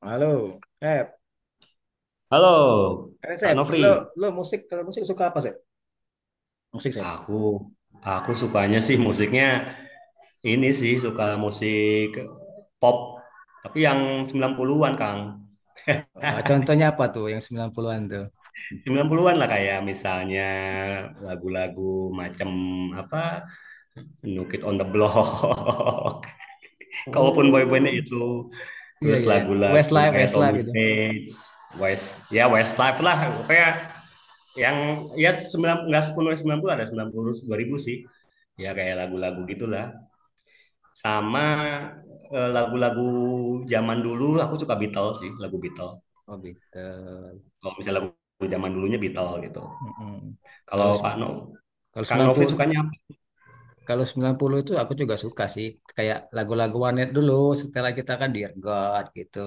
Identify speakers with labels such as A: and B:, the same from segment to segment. A: Halo, Sep.
B: Halo,
A: Keren,
B: Pak
A: Sep.
B: Nofri.
A: Lo musik, kalau musik suka apa, Sep? Musik, Sep.
B: Aku aku sukanya sih musiknya ini sih suka musik pop, tapi yang 90-an, Kang.
A: Contohnya apa tuh yang 90-an tuh?
B: 90-an lah kayak misalnya lagu-lagu macam apa No Kid on the Block. Kalaupun boy-boynya
A: Oh,
B: itu
A: iya,
B: terus
A: iya, iya.
B: lagu-lagu
A: Westlife,
B: kayak
A: Westlife
B: Tommy
A: gitu.
B: Page, West ya Westlife lah kayak yang ya sembilan nggak sepuluh sembilan puluh ada sembilan puluh dua ribu sih. Ya kayak lagu-lagu gitulah. Sama lagu-lagu zaman dulu aku suka Beatles sih lagu Beatles
A: Oh, Beatles.
B: kalau misalnya lagu zaman dulunya Beatles gitu.
A: Mm-mm.
B: Kalau
A: Kalau
B: Pak No
A: se-
B: Kang
A: kalau
B: Novi
A: 90,
B: sukanya apa?
A: kalau 90 itu aku juga suka sih. Kayak lagu-lagu Warnet dulu, setelah kita kan Dear God gitu.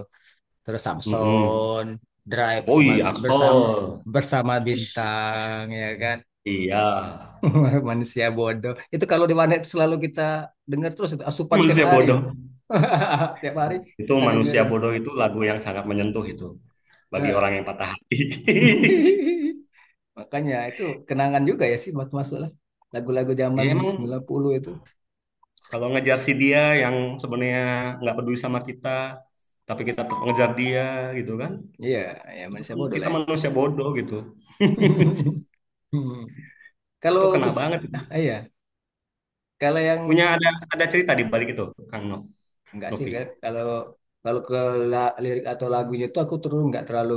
A: Terus
B: Mm-mm.
A: Samson, Drive
B: Oh
A: bersama
B: iya,
A: bersama
B: Axel.
A: bersama bintang ya kan.
B: Iya
A: Manusia bodoh. Itu kalau di warnet selalu kita dengar terus itu asupan tiap
B: manusia
A: hari.
B: bodoh,
A: Tiap hari
B: itu
A: kita
B: manusia
A: dengerin.
B: bodoh itu lagu yang sangat menyentuh itu bagi
A: Eh.
B: orang yang patah hati.
A: Makanya itu kenangan juga ya sih buat masuk lah. Lagu-lagu zaman
B: Ya
A: sembilan
B: emang
A: puluh itu.
B: kalau ngejar si dia yang sebenarnya nggak peduli sama kita, tapi kita tetap ngejar dia gitu kan,
A: Iya, ya
B: itu
A: manusia
B: kan
A: bodoh
B: kita
A: lah ya.
B: manusia bodoh gitu.
A: Hmm. Kalau
B: Itu kena
A: mis
B: banget itu.
A: ah, iya, kalau yang
B: Punya ada cerita di balik itu, Kang No,
A: enggak sih
B: Novi.
A: kayak- kalau kalau ke lirik atau lagunya itu aku terus nggak terlalu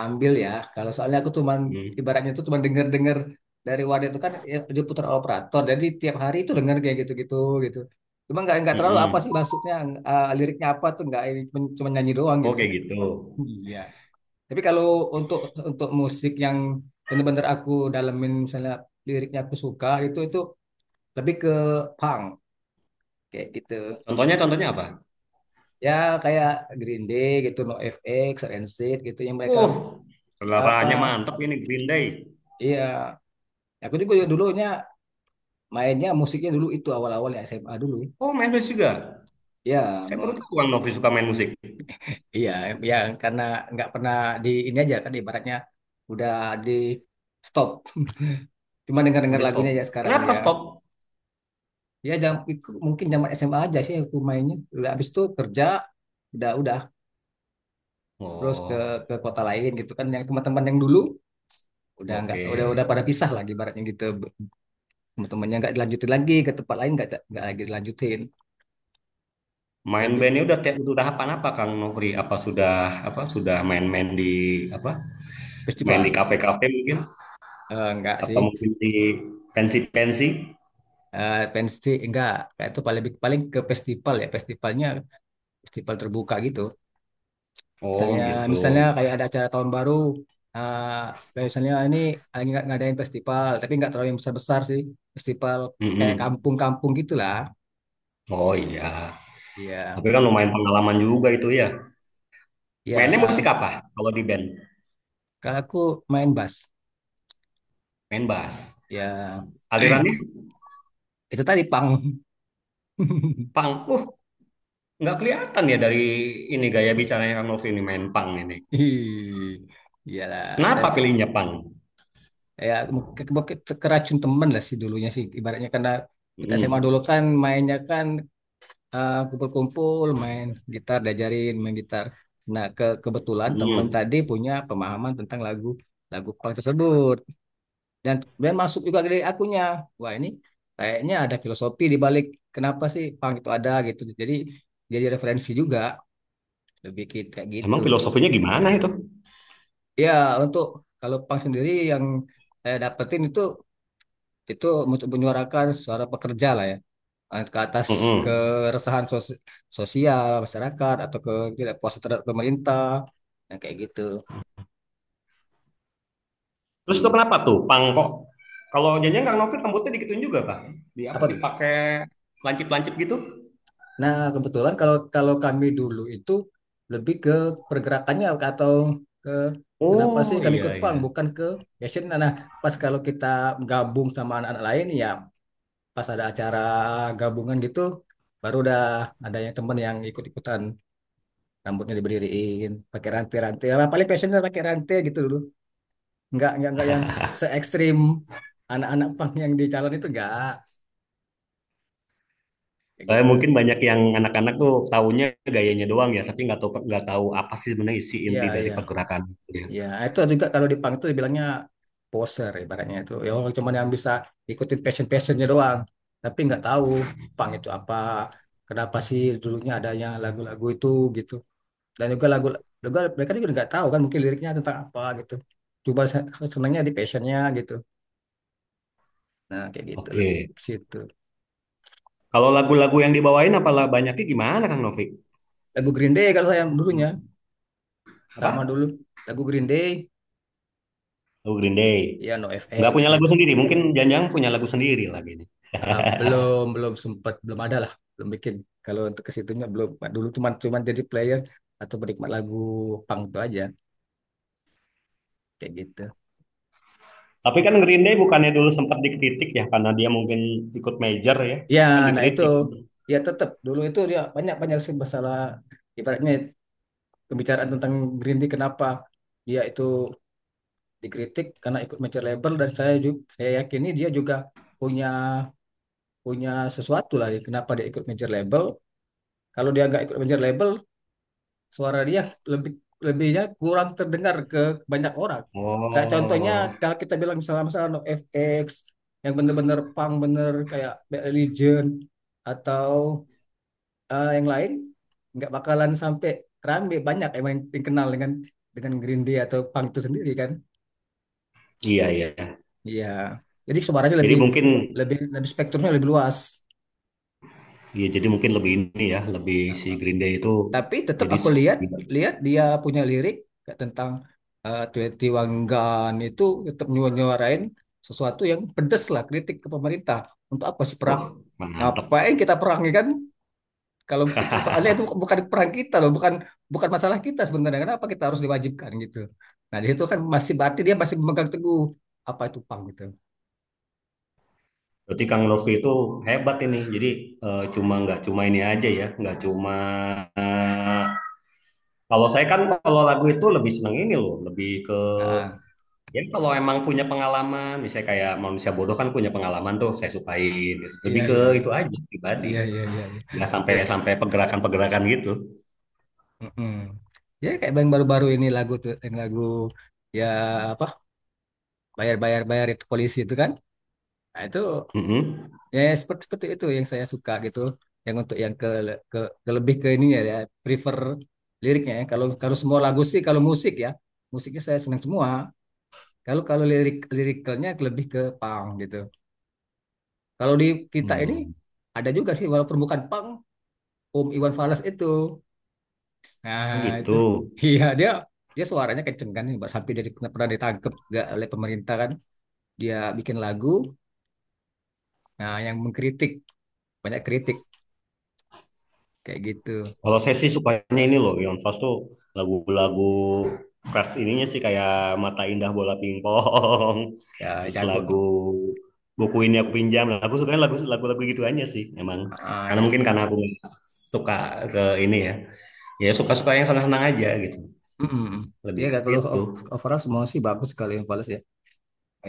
A: ambil ya. Kalau soalnya aku cuman
B: Hmm.
A: ibaratnya tuh cuman denger-denger dari wadah itu kan ya, dia putar operator. Jadi tiap hari itu denger kayak gitu-gitu gitu. Cuma nggak terlalu apa
B: Mm-mm.
A: sih maksudnya, liriknya apa tuh nggak ini, cuman cuman nyanyi doang gitu.
B: Oke gitu.
A: Iya. Tapi kalau untuk untuk musik yang bener-bener aku dalemin, misalnya liriknya aku suka, itu lebih ke punk kayak gitu.
B: Contohnya contohnya apa?
A: Ya kayak Green Day gitu, NoFX, Rancid gitu yang mereka
B: Uh, seleraannya
A: apa,
B: mantep ini Green Day.
A: iya. Aku juga dulunya mainnya musiknya dulu itu awal-awal ya SMA dulu
B: Oh, main musik juga.
A: ya,
B: Saya baru
A: mon
B: tahu Kang Novi suka main musik.
A: iya, ya karena nggak pernah di ini aja kan ibaratnya udah di stop, cuma dengar-dengar
B: Udah stop.
A: lagunya ya sekarang
B: Kenapa stop?
A: ya. Ya jam, mungkin zaman SMA aja sih aku mainnya, udah habis itu kerja, udah terus ke
B: Oh,
A: kota lain gitu kan, yang teman-teman yang dulu udah nggak,
B: oke.
A: udah pada pisah lagi ibaratnya gitu, teman-temannya nggak dilanjutin lagi ke tempat lain, nggak lagi dilanjutin.
B: Main
A: Lebih
B: bandnya udah kayak udah tahapan apa Kang Novi? Apa sudah, apa sudah main-main di apa? Main di
A: festival.
B: kafe-kafe mungkin,
A: Nggak sih,
B: atau mungkin di pensi-pensi?
A: pensi enggak, kayak itu paling paling ke festival, ya festivalnya festival terbuka gitu.
B: Oh,
A: misalnya
B: gitu.
A: misalnya kayak ada acara tahun baru, eh, kayak misalnya ini lagi ngadain festival tapi nggak terlalu yang besar besar sih, festival kayak
B: Mm-mm.
A: kampung-kampung gitulah.
B: Oh iya,
A: Iya,
B: tapi kan lumayan pengalaman juga itu ya. Mainnya musik
A: ya
B: apa kalau di band?
A: kalau aku main bass
B: Main bass.
A: ya,
B: Alirannya
A: itu tadi pang.
B: punk. Nggak kelihatan ya dari ini gaya bicaranya Kang Novi ini main punk ini.
A: Ih, iyalah
B: Kenapa
A: tapi
B: pilihnya punk?
A: ya, keracun temen lah sih dulunya sih ibaratnya, karena kita SMA dulu
B: Mm-mm.
A: kan mainnya kan, kumpul-kumpul main gitar, diajarin main gitar. Nah, ke kebetulan teman
B: Mm-mm.
A: tadi punya pemahaman tentang lagu lagu punk tersebut, dan dan masuk juga dari akunya. Wah, ini kayaknya ada filosofi di balik kenapa sih punk itu ada gitu. Jadi referensi juga lebih kayak
B: Emang
A: gitu.
B: filosofinya gimana itu?
A: Ya, untuk kalau punk sendiri yang saya dapetin itu, itu untuk menyuarakan suara pekerja lah ya. Ke atas
B: Mm-mm.
A: keresahan sosial masyarakat, atau ke tidak puas terhadap pemerintah yang kayak gitu.
B: Terus itu
A: Hmm.
B: kenapa tuh punk kok? Kalau janjian Kang Novi rambutnya dikituin juga, Pak. Di apa
A: Apa tuh?
B: dipakai lancip-lancip gitu?
A: Nah, kebetulan kalau kalau kami dulu itu lebih ke pergerakannya atau ke kenapa sih
B: Oh
A: kami ikut
B: iya,
A: pang,
B: iya.
A: bukan ke passion. Nah, nah, pas kalau kita gabung sama anak-anak lain ya, pas ada acara gabungan gitu, baru udah ada yang teman yang ikut-ikutan rambutnya diberdiriin pakai rantai-rantai lah, paling passionnya pakai rantai gitu dulu, nggak yang se ekstrim anak-anak pang yang di calon itu, nggak kayak
B: Saya
A: gitu.
B: mungkin banyak yang anak-anak tuh taunya gayanya doang ya, tapi nggak tahu, nggak tahu apa sih sebenarnya isi
A: Iya,
B: inti dari
A: iya,
B: pergerakan itu ya.
A: iya. Ah, itu juga kalau di pang itu dibilangnya poser ibaratnya, itu ya orang cuman yang bisa ikutin passionnya doang, tapi nggak tahu pang itu apa, kenapa sih dulunya adanya lagu-lagu itu gitu, dan juga lagu juga mereka juga nggak tahu kan mungkin liriknya tentang apa gitu, coba senangnya di passionnya gitu. Nah, kayak gitu, lebih
B: Oke.
A: ke situ.
B: Kalau lagu-lagu yang dibawain apalah banyaknya gimana Kang Novik?
A: Lagu Green Day kalau saya dulunya, sama
B: Apa?
A: dulu lagu Green Day,
B: Lagu Green Day.
A: ya
B: Nggak
A: NoFX
B: punya lagu
A: gitu.
B: sendiri, mungkin Janjang punya lagu sendiri lagi ini.
A: Ah, belum belum sempat, belum ada lah, belum bikin. Kalau untuk ke situnya belum. Nah, dulu cuman cuman jadi player atau penikmat lagu punk itu aja, kayak gitu.
B: Tapi kan Green Day bukannya dulu sempat dikritik ya karena dia mungkin ikut major ya,
A: Ya,
B: kan
A: nah itu,
B: dikritik.
A: ya tetap dulu itu dia banyak banyak sih masalah ibaratnya, pembicaraan tentang Green Day, kenapa dia itu dikritik karena ikut major label, dan saya juga saya yakini dia juga punya punya sesuatu lah kenapa dia ikut major label. Kalau dia nggak ikut major label, suara dia lebih lebihnya kurang terdengar ke banyak orang. Kayak contohnya
B: Oh,
A: kalau kita bilang misalnya masalah No FX yang bener-bener punk bener kayak Bad Religion, atau yang lain, nggak bakalan sampai rame, banyak emang yang kenal dengan Green Day atau punk itu sendiri kan.
B: iya iya, iya.
A: Iya. Jadi suaranya
B: Jadi
A: lebih
B: mungkin,
A: lebih lebih spektrumnya lebih luas. Nah,
B: ya jadi mungkin lebih ini ya, lebih si Green Day itu
A: tapi tetap
B: jadi
A: aku lihat lihat dia punya lirik kayak tentang, 21 Gun itu, tetap nyuarain sesuatu yang pedes lah, kritik ke pemerintah untuk apa sih perang,
B: Uh, mantap.
A: ngapain kita perang ya kan, kalau begitu soalnya itu bukan perang kita loh, bukan bukan masalah kita sebenarnya, kenapa kita harus diwajibkan gitu. Nah, di situ kan masih berarti dia masih memegang teguh apa itu pang gitu.
B: Berarti Kang Novi itu hebat ini. Jadi cuma nggak cuma ini aja ya, nggak cuma eh, kalau saya kan kalau lagu itu lebih seneng ini loh, lebih ke
A: Ah,
B: ya kalau emang punya pengalaman, misalnya kayak manusia bodoh kan punya pengalaman tuh, saya sukain.
A: iya,
B: Lebih ke
A: iya, iya,
B: itu aja pribadi,
A: iya, iya, iya, iya.
B: nggak sampai
A: Lebih
B: sampai pergerakan-pergerakan gitu.
A: mm-mm. Ya kayak yang baru-baru ini lagu tuh yang lagu ya apa, bayar itu polisi itu kan. Nah, itu
B: Mm-mm.
A: ya, ya, seperti seperti itu yang saya suka gitu. Yang untuk yang ke ke, ke lebih ke ini ya, ya, prefer liriknya ya. Kalau kalau semua lagu sih kalau musik ya, musiknya saya senang semua. Kalau kalau lirik lirikalnya lebih ke punk gitu. Kalau di kita ini
B: Hmm.
A: ada juga sih walaupun bukan punk, Om Iwan Fals itu. Nah,
B: Oh
A: itu.
B: gitu.
A: Iya, dia dia suaranya kenceng kan, Mbak, sampai dia pernah pernah ditangkep juga oleh pemerintah kan. Dia bikin lagu nah yang mengkritik, banyak kritik kayak gitu,
B: Kalau saya sih sukanya ini loh, Iwan Fals tuh lagu-lagu pras ininya sih kayak Mata Indah Bola Pingpong,
A: ya,
B: terus lagu
A: jago.
B: buku ini aku pinjam. Nah, aku sukanya lagu-lagu gitu aja sih, emang.
A: Ah,
B: Karena
A: ya.
B: mungkin karena aku nggak suka ke ini ya, ya suka-suka yang senang-senang aja gitu,
A: Mm-mm. Dia
B: lebih ke
A: gak keluh,
B: situ.
A: overall semua sih bagus, kalau yang Palace ya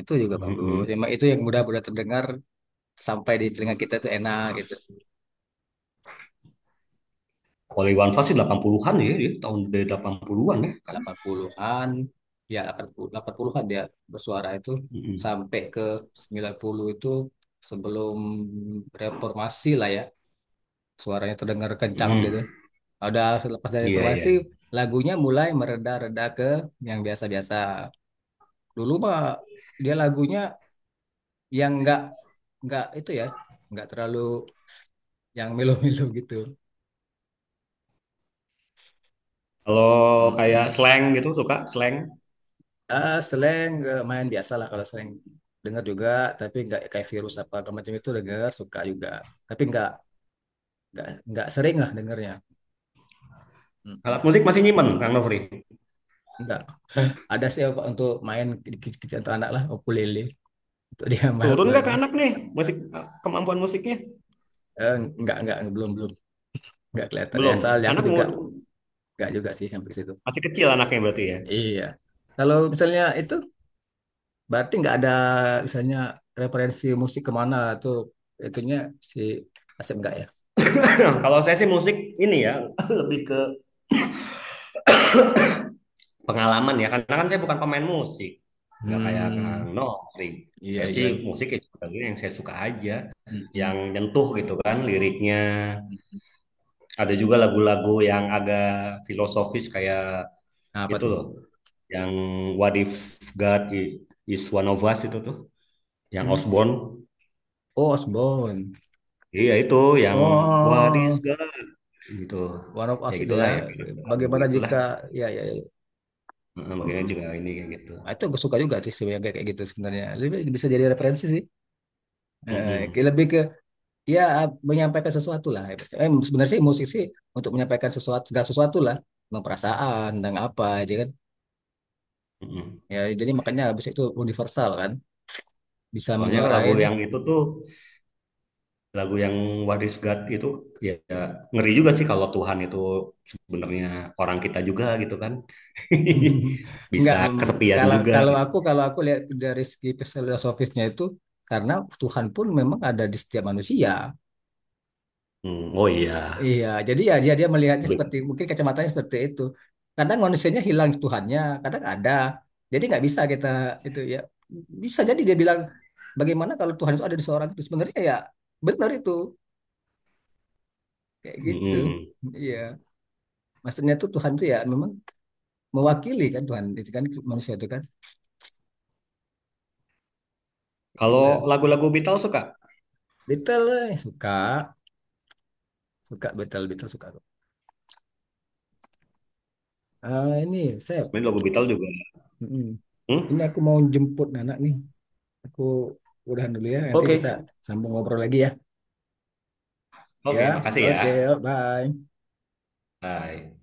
A: itu juga bagus,
B: Mm-mm.
A: memang itu yang mudah-mudah terdengar sampai di telinga kita itu enak gitu.
B: Kalau Iwan Fals sih 80-an ya, dia tahun dari 80-an ya kan.
A: 80-an, ya, 88, 80-an dia bersuara itu
B: Mm-mm.
A: sampai ke 90 itu sebelum reformasi lah ya, suaranya terdengar kencang gitu.
B: Mm-mm.
A: Udah lepas dari
B: Iya, iya.
A: reformasi, lagunya mulai mereda-reda ke yang biasa-biasa, dulu mah dia lagunya yang nggak itu ya, nggak terlalu yang melo-melo. Gitu.
B: Kalau kayak
A: Mm-mm.
B: slang gitu suka slang.
A: Ah, slang, main biasa lah, kalau slang dengar juga, tapi nggak kayak virus apa segala macam itu, dengar suka juga, tapi nggak sering lah dengarnya. Mm-mm.
B: Alat musik masih nyimpen, Kang Nofri.
A: Nggak ada sih, apa, untuk main kecil-kecilan untuk anak lah, ukulele untuk dia main
B: Turun nggak ke
A: belajar.
B: anak nih musik kemampuan musiknya?
A: Eh, nggak belum belum, nggak kelihatan ya
B: Belum.
A: soalnya aku
B: Anak mau
A: juga nggak juga sih sampai ke situ.
B: masih kecil anaknya berarti ya.
A: Iya, kalau misalnya itu berarti nggak ada misalnya referensi musik kemana tuh itunya si Asep nggak ya?
B: Nah, kalau saya sih musik ini ya lebih ke pengalaman ya karena kan saya bukan pemain musik. Nggak kayak
A: Hmm,
B: Kang Nofri.
A: iya,
B: Saya
A: iya.
B: sih musik ya yang saya suka aja, yang
A: Mm-mm.
B: nyentuh gitu kan liriknya. Ada juga lagu-lagu yang agak filosofis kayak
A: Nah, apa
B: itu
A: tuh?
B: loh, yang What If God Is One of Us itu tuh, yang
A: Hmm?
B: Osborne.
A: Oh, Osborne.
B: Iya itu yang What if
A: Oh,
B: God gitu,
A: One of
B: ya
A: Us itu ya.
B: gitulah ya, lagu
A: Bagaimana
B: itulah.
A: jika, ya, ya, ya.
B: Heeh, makanya
A: Mm.
B: juga ini kayak gitu.
A: Nah, itu gue suka juga sih yang kayak kayak gitu sebenarnya. Lebih bisa jadi referensi sih. Kayak
B: Mm-mm.
A: lebih ke ya menyampaikan sesuatu lah. Sebenarnya sih musik sih untuk menyampaikan sesuatu, segala sesuatu lah. Tentang perasaan, tentang apa aja kan.
B: Mm-mm.
A: Ya, jadi makanya habis itu universal kan, bisa
B: Soalnya kalau lagu
A: menyuarain.
B: yang itu tuh lagu yang What is God itu, ya ya, ngeri juga sih kalau Tuhan itu sebenarnya orang kita juga gitu kan, bisa
A: Enggak,
B: kesepian
A: kalau
B: juga.
A: kalau aku aku lihat dari segi filosofisnya itu, karena Tuhan pun memang ada di setiap manusia.
B: Mm, oh iya.
A: Iya, jadi ya dia dia melihatnya seperti mungkin kacamatanya seperti itu. Kadang manusianya hilang Tuhannya, kadang ada. Jadi nggak bisa kita itu ya, bisa jadi dia bilang bagaimana kalau Tuhan itu ada di seorang itu sebenarnya, ya benar itu, kayak gitu.
B: Mm-mm.
A: Iya, maksudnya tuh Tuhan tuh ya memang mewakili kan, Tuhan itu kan manusia itu kan, itu
B: Kalau lagu-lagu Beatles suka,
A: betul. Suka, betul, suka aku. Ah, ini saya
B: sebenarnya lagu Beatles juga.
A: mm, ini
B: Hmm?
A: aku mau jemput anak nih, aku udahan dulu ya, nanti
B: Oke.
A: kita sambung ngobrol lagi ya.
B: Oke,
A: Ya,
B: makasih ya.
A: oke, yuk, bye.
B: Bye.